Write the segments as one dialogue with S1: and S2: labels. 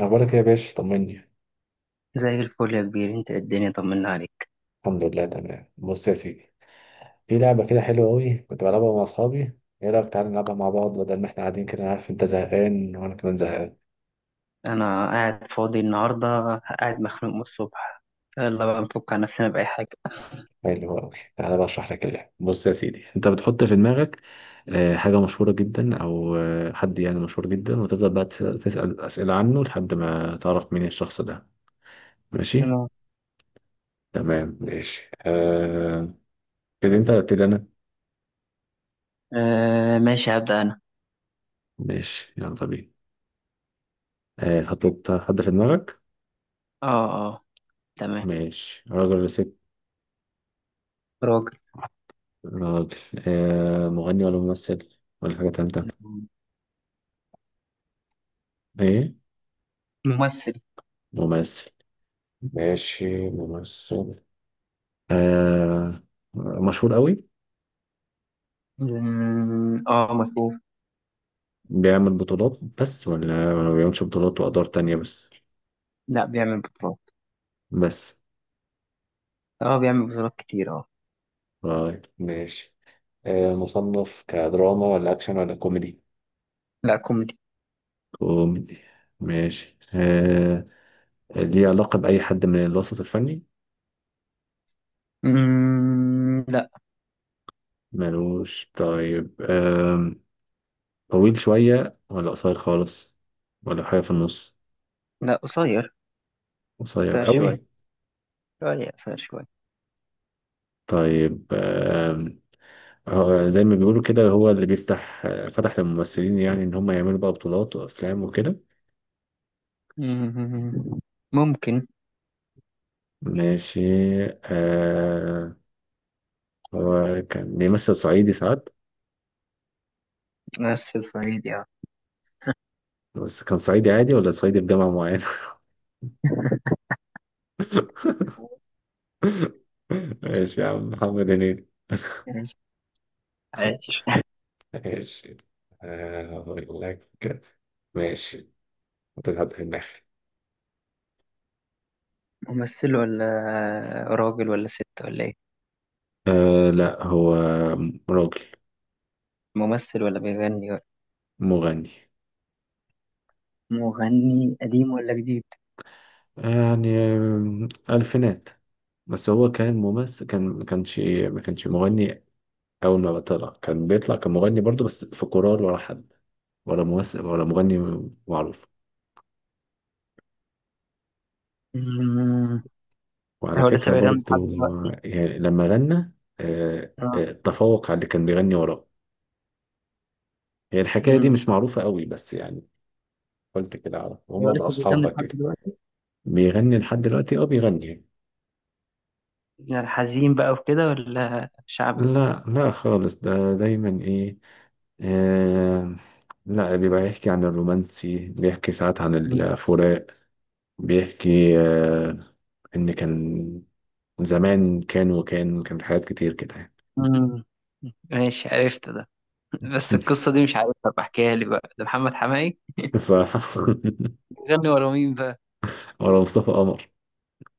S1: أخبارك إيه يا باشا؟ طمني.
S2: زي الفل يا كبير، انت ايه الدنيا؟ طمنا عليك.
S1: الحمد لله، تمام. بص يا سيدي، في لعبة كده حلوة أوي كنت بلعبها مع أصحابي. إيه رأيك؟ تعالى نلعبها مع بعض بدل ما إحنا قاعدين كده. أنا عارف أنت زهقان وأنا كمان زهقان.
S2: انا قاعد فاضي النهارده. قاعد مخنوق من الصبح. يلا بقى نفك عن نفسنا بأي حاجة.
S1: حلو أوي. تعالى بقى أشرح لك اللعبة. بص يا سيدي، أنت بتحط في دماغك حاجة مشهورة جدا، أو حد يعني مشهور جدا، وتفضل بقى تسأل أسئلة عنه لحد ما تعرف مين الشخص ده. ماشي؟
S2: تمام.
S1: تمام، ماشي. تبتدي أنت ولا أبتدي أنا؟
S2: آه، ماشي، هبدأ انا.
S1: ماشي، يلا بينا. حطيت حد في دماغك؟
S2: اه، اه، تمام.
S1: ماشي. راجل ولا ست؟
S2: راجل.
S1: راجل. مغني ولا ممثل، ولا حاجة تالتة؟ ايه؟
S2: ممثل.
S1: ممثل. ماشي، ممثل. آه مشهور قوي؟
S2: مم، اه، مشهور.
S1: بيعمل بطولات بس ولا ما بيعملش بطولات وأدوار تانية بس؟
S2: لا، بيعمل بطولات.
S1: بس؟
S2: اه، بيعمل بطولات كتير، اه.
S1: طيب، ماشي. مصنف كدراما ولا أكشن ولا كوميدي؟
S2: لا، كوميدي.
S1: كوميدي. ماشي. ليه علاقة بأي حد من الوسط الفني؟
S2: مم، لا.
S1: ملوش؟ طيب. طويل شوية ولا قصير خالص، ولا حاجة في النص؟
S2: لا، قصير.
S1: قصير
S2: قصير شوية.
S1: قوي؟
S2: شوية قصير شوية.
S1: طيب. زي ما بيقولوا كده، هو اللي بيفتح فتح للممثلين، يعني ان هم يعملوا بقى بطولات وافلام وكده.
S2: مم، ممكن.
S1: ماشي. آه هو كان بيمثل صعيدي ساعات؟
S2: ممثل صعيدي، اه.
S1: بس كان صعيدي عادي ولا صعيدي بجامعة معينة؟ ماشي يا عم. محمد هنيدي.
S2: عايش.
S1: ماشي. هقول لك. ماشي، حط حد في دماغي.
S2: ممثل ولا راجل ولا ست ولا ايه؟
S1: لا، هو راجل.
S2: ممثل ولا بيغني ولا؟
S1: مغني.
S2: مغني قديم ولا جديد؟
S1: يعني ألفينات. بس هو كان ممثل، ما كانش مغني. أول ما طلع كان بيطلع كمغني برضه، بس في كورال ولا حد. ولا ممثل ولا مغني معروف.
S2: مم.
S1: وعلى
S2: هو لسه
S1: فكرة
S2: بيغني
S1: برضه،
S2: لحد دلوقتي؟
S1: يعني لما غنى
S2: اه.
S1: تفوق على اللي كان بيغني وراه. هي الحكاية دي
S2: مم.
S1: مش معروفة قوي، بس يعني قلت كده أعرف.
S2: هو
S1: هما بقى
S2: لسه
S1: أصحاب
S2: بيغني
S1: بقى
S2: لحد
S1: كده.
S2: دلوقتي؟
S1: بيغني لحد دلوقتي، أه بيغني.
S2: يعني الحزين بقى وكده ولا شعبي؟
S1: لا لا خالص، ده دايما إيه آه، لا، بيبقى يحكي عن الرومانسي، بيحكي ساعات عن
S2: مم.
S1: الفراق، بيحكي إن كان زمان، كان وكان حاجات كتير كده يعني.
S2: مم. ماشي، عرفت ده. بس القصة دي مش عارفها، بحكيها لي بقى، ده محمد حماقي.
S1: بصراحة.
S2: بيغني ورا مين بقى؟
S1: ولا مصطفى قمر.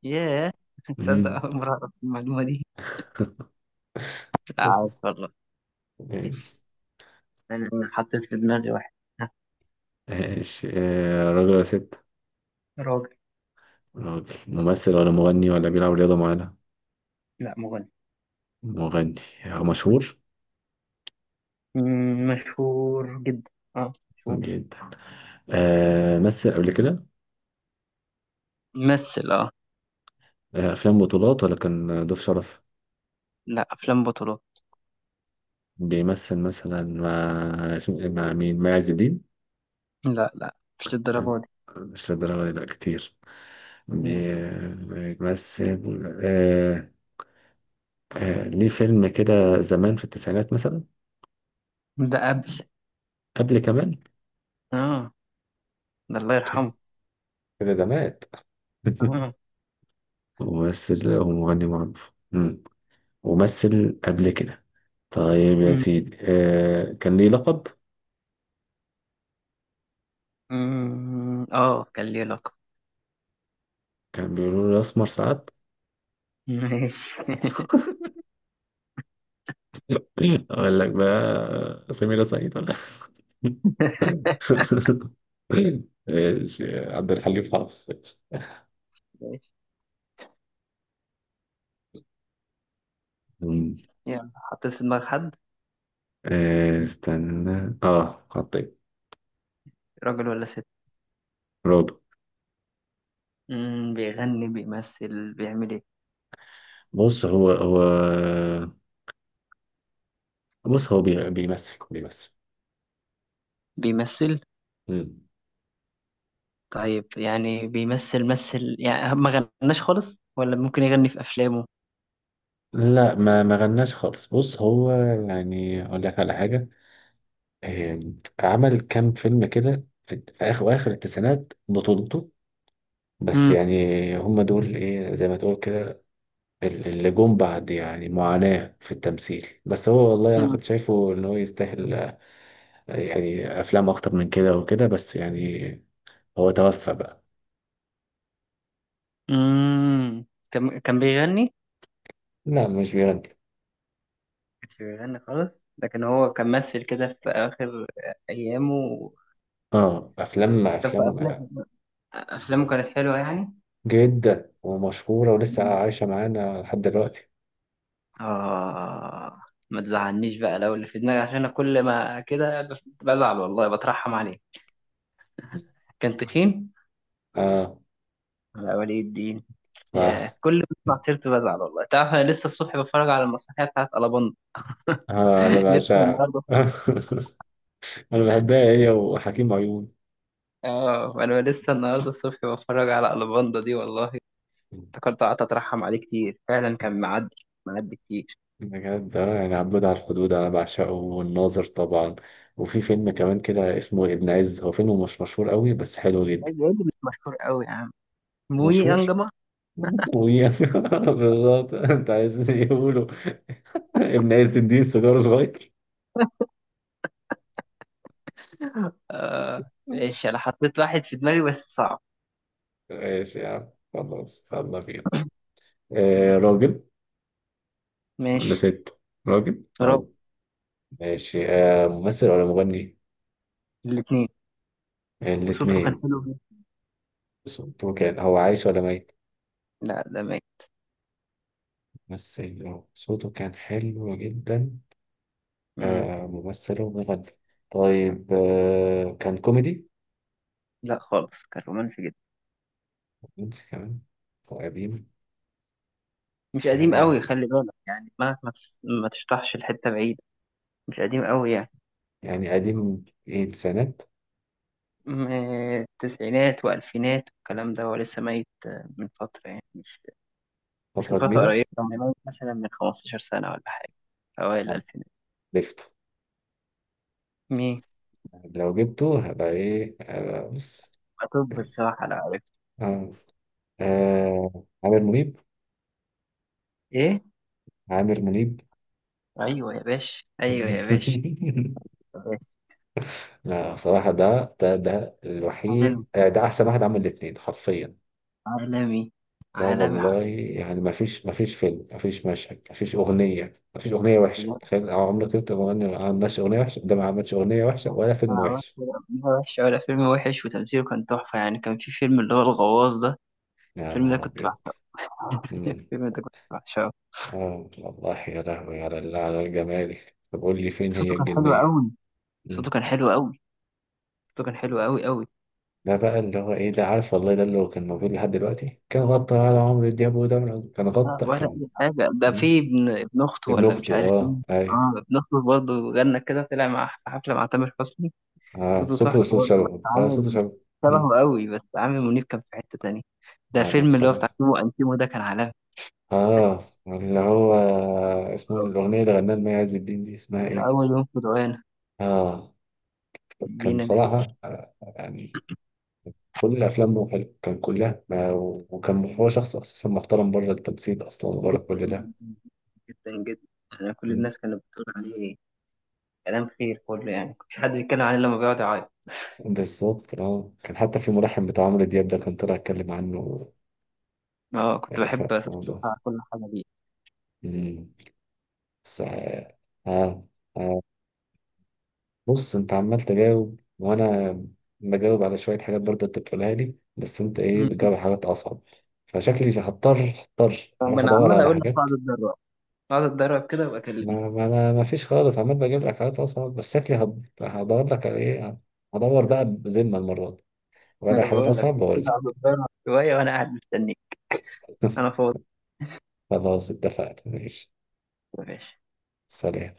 S2: ياه. تصدق؟
S1: مم.
S2: أول مرة أعرف المعلومة دي. عارف والله. ماشي.
S1: ماشي.
S2: أنا حطيت في دماغي واحد. ها.
S1: ماشي. راجل ولا ست؟
S2: راجل.
S1: راجل، ممثل ولا مغني ولا بيلعب رياضة معانا؟
S2: لا، مغني.
S1: مغني. مشهور
S2: مشهور جدا. اه، مشهور.
S1: جدا؟ مثل قبل كده؟
S2: ممثل، اه.
S1: أفلام بطولات ولا كان ضيف شرف؟
S2: لا، افلام بطولات.
S1: بيمثل مثلا مع، اسمه مع مين، مع عز الدين؟
S2: لا، لا، مش للدرجه دي.
S1: مش للدرجة دي، لا كتير.
S2: مم.
S1: بيمثل. آه ليه فيلم كده زمان في التسعينات مثلا؟
S2: ده قبل.
S1: قبل كمان؟
S2: اه. ده الله
S1: اوكي.
S2: يرحمه.
S1: كده ده مات؟
S2: اه.
S1: وممثل. هو مغني معروف، مم. ومثل قبل كده. طيب يا
S2: مم.
S1: سيدي، كان ليه لقب؟
S2: مم. اه، كان ليه لقب.
S1: كان بيقولوا له الأسمر ساعات.
S2: ماشي.
S1: أقول لك بقى، سميرة سعيد. ماشي، عبد الحليم حافظ.
S2: ماشي.
S1: مم.
S2: يلا، حطيت في دماغ حد؟
S1: استنى، خطيب.
S2: راجل ولا ست؟
S1: برافو.
S2: مم. بيغني بيمثل بيعمل ايه؟
S1: بص، هو بص، هو بيمثل.
S2: بيمثل.
S1: مم.
S2: طيب يعني بيمثل، مثل يعني، ما غناش خالص ولا ممكن يغني في افلامه؟
S1: لا، ما غناش خالص. بص، هو يعني اقول لك على حاجه. آه، عمل كام فيلم كده في اخر التسعينات بطولته. بس
S2: مم.
S1: يعني هم دول ايه، زي ما تقول كده، اللي جم بعد. يعني معاناة في التمثيل، بس هو والله أنا
S2: مم.
S1: كنت شايفه إن هو يستاهل يعني أفلام أكتر من كده وكده، بس يعني هو توفى بقى.
S2: مم. كان بيغني.
S1: لا، مش بيغني.
S2: كانش بيغني خالص. لكن هو كان ممثل كده في آخر أيامه.
S1: اه، أفلام
S2: كان في
S1: أفلام.
S2: أفلام. أفلامه كانت حلوة يعني.
S1: جدا، ومشهورة ولسه
S2: مم.
S1: عايشة معانا لحد دلوقتي.
S2: آه ما تزعلنيش بقى لو اللي في دماغي، عشان أنا كل ما كده بزعل والله بترحم عليه. كان تخين.
S1: اه،
S2: على ولي الدين. ياه،
S1: صح.
S2: كل ما بسمع سيرته بزعل والله. تعرف أنا لسه الصبح بتفرج على المسرحية بتاعت ألاباندا.
S1: اه، أنا
S2: لسه
S1: بعشقها.
S2: النهاردة الصبح.
S1: أنا بحبها، هي وحكيم عيون.
S2: أنا لسه النهاردة الصبح بتفرج على ألاباندا دي والله. افتكرت، قعدت أترحم عليه كتير، فعلا كان معدي. معدي كتير.
S1: بجد، اه يعني عبود على الحدود انا بعشقه، والناظر طبعا. وفي فيلم كمان كده اسمه ابن عز، هو فيلم مش مشهور قوي بس حلو جدا.
S2: الواد مش مشهور قوي يا عم. موي
S1: مشهور.
S2: انجما.
S1: طويل. بالظبط، انت عايز يقولوا ابن عز الدين سيجاره صغير.
S2: ماشي، انا حطيت واحد في دماغي بس صعب.
S1: ماشي يا عم. خلاص، يلا بينا. راجل
S2: ماشي.
S1: ولا ست؟ راجل،
S2: راجل.
S1: راجل. ماشي. ممثل ولا مغني؟
S2: الاثنين. وصوته كان
S1: الاتنين.
S2: حلو جدا.
S1: صوته كان، هو عايش ولا ميت؟
S2: لا، ده ماشي.
S1: ممثل، صوته كان حلو جدا.
S2: مم.
S1: ممثل ومغني. طيب، كان كوميدي؟
S2: لا خالص، كان رومانسي جدا.
S1: رومانسي كمان؟ وقديم؟
S2: مش قديم
S1: آه
S2: قوي، خلي بالك يعني دماغك ما تشطحش لحته بعيده. مش قديم قوي يعني.
S1: يعني قديم ايه، السنات؟
S2: تسعينات والفينات والكلام ده، هو لسه ميت من فتره يعني، مش مش من
S1: فترة
S2: فتره
S1: كبيرة؟
S2: قريبه، كان ميت مثلا من 15 سنه ولا حاجه. اوائل
S1: آه،
S2: الالفينات.
S1: عرفته.
S2: مين؟
S1: لو جبته هبقى ايه. بص.
S2: طب الصراحه، لا عرفت.
S1: آه. عامر منيب.
S2: ايه؟
S1: عامر منيب.
S2: ايوه يا باشا، ايوه يا باشا. يا باشا.
S1: لا بصراحة، ده
S2: عالمي.
S1: الوحيد. ده أحسن واحد عمل الاتنين حرفيا.
S2: عالمي.
S1: لا
S2: عالمي
S1: والله،
S2: حرف.
S1: يعني ما فيش فيلم، ما فيش مشهد، ما فيش أغنية، ما فيش أغنية وحشة.
S2: بجد.
S1: تخيل عمرك أنت مغني ما عملش أغنية وحشة. ده ما عملش أغنية وحشة ولا فيلم
S2: أنا عملت
S1: وحش.
S2: كده، قبليها وحش ولا فيلم وحش، وتمثيله كان تحفه يعني. كان في فيلم اللي هو الغواص ده.
S1: يا
S2: الفيلم ده
S1: نهار
S2: كنت
S1: أبيض.
S2: بعشقه.
S1: امم
S2: الفيلم ده كنت بعشقه.
S1: والله يا لهوي على على الجمال. طب قول لي، فين هي
S2: صوته كان حلو
S1: الجنية؟
S2: قوي. صوته
S1: امم
S2: كان حلو قوي. صوته كان حلو قوي قوي.
S1: ده بقى اللي هو إيه، ده عارف والله، ده اللي هو كان موجود لحد دلوقتي كان غطى على عمرو دياب. وده كان
S2: لا
S1: غطى،
S2: ولا
S1: كان.
S2: اي حاجه، ده
S1: مم.
S2: في ابن اخته
S1: ابن
S2: ولا مش
S1: أخته،
S2: عارف
S1: أه
S2: مين.
S1: أيوه.
S2: اه، ابن اخته برضه غنى كده، طلع مع في حفله مع تامر حسني.
S1: أه،
S2: صوته
S1: صوته
S2: تحفة
S1: صوت
S2: برضه، بس
S1: شبهه، أه
S2: عامل.
S1: صوته شبهه. مم.
S2: شبهه قوي، بس عامل منيب كان في حتة تانية. ده
S1: لا لا،
S2: فيلم اللي هو بتاع
S1: بصراحة
S2: تيمو وأنتيمو ده، كان عالمي.
S1: اه اللي هو اسمه، الأغنية اللي غناها المي عز الدين دي اسمها
S2: من
S1: إيه؟
S2: أول يوم في دعانا.
S1: اه. كان
S2: بينا نعيش.
S1: بصراحة، يعني كل أفلامه حلوة، كان كلها. وكان هو شخص أساسا محترم بره التمثيل أصلا، وبره كل
S2: جدا
S1: ده.
S2: جدا. جدا جدا. أنا كل
S1: م.
S2: الناس كانت بتقول عليه. كلام خير كله، يعني مكنتش حد بيتكلم عليه لما بيقعد يعيط.
S1: بالظبط. اه كان حتى في الملحن بتاع عمرو دياب ده كان طلع يتكلم عنه.
S2: اه، كنت بحب
S1: في
S2: أسمع.
S1: موضوع.
S2: كل حاجة ليه.
S1: م. بس اه آه، آه، بص، انت عمال تجاوب، وانا بجاوب على شوية حاجات برضه انت بتقولها لي. بس انت ايه،
S2: مم.
S1: بتجاوب على حاجات اصعب. فشكلي هضطر،
S2: طب
S1: اروح
S2: أنا
S1: ادور
S2: عمال
S1: على
S2: أقول لك
S1: حاجات.
S2: اقعد اتدرب. اقعد اتدرب كده وأكلمك.
S1: ما انا ما فيش خالص، عمال بجيب لك حاجات اصعب، بس شكلي هدور لك على ايه. هدور بقى بذمة المرة دي،
S2: ما
S1: ولا
S2: أنا
S1: حاجات
S2: بقول لك
S1: اصعب بقول
S2: كده، اقعد
S1: لك.
S2: اتدرب شوية وأنا قاعد مستنيك. أنا فاضي.
S1: خلاص، اتفقنا. ماشي.
S2: يا باشا.
S1: سلام.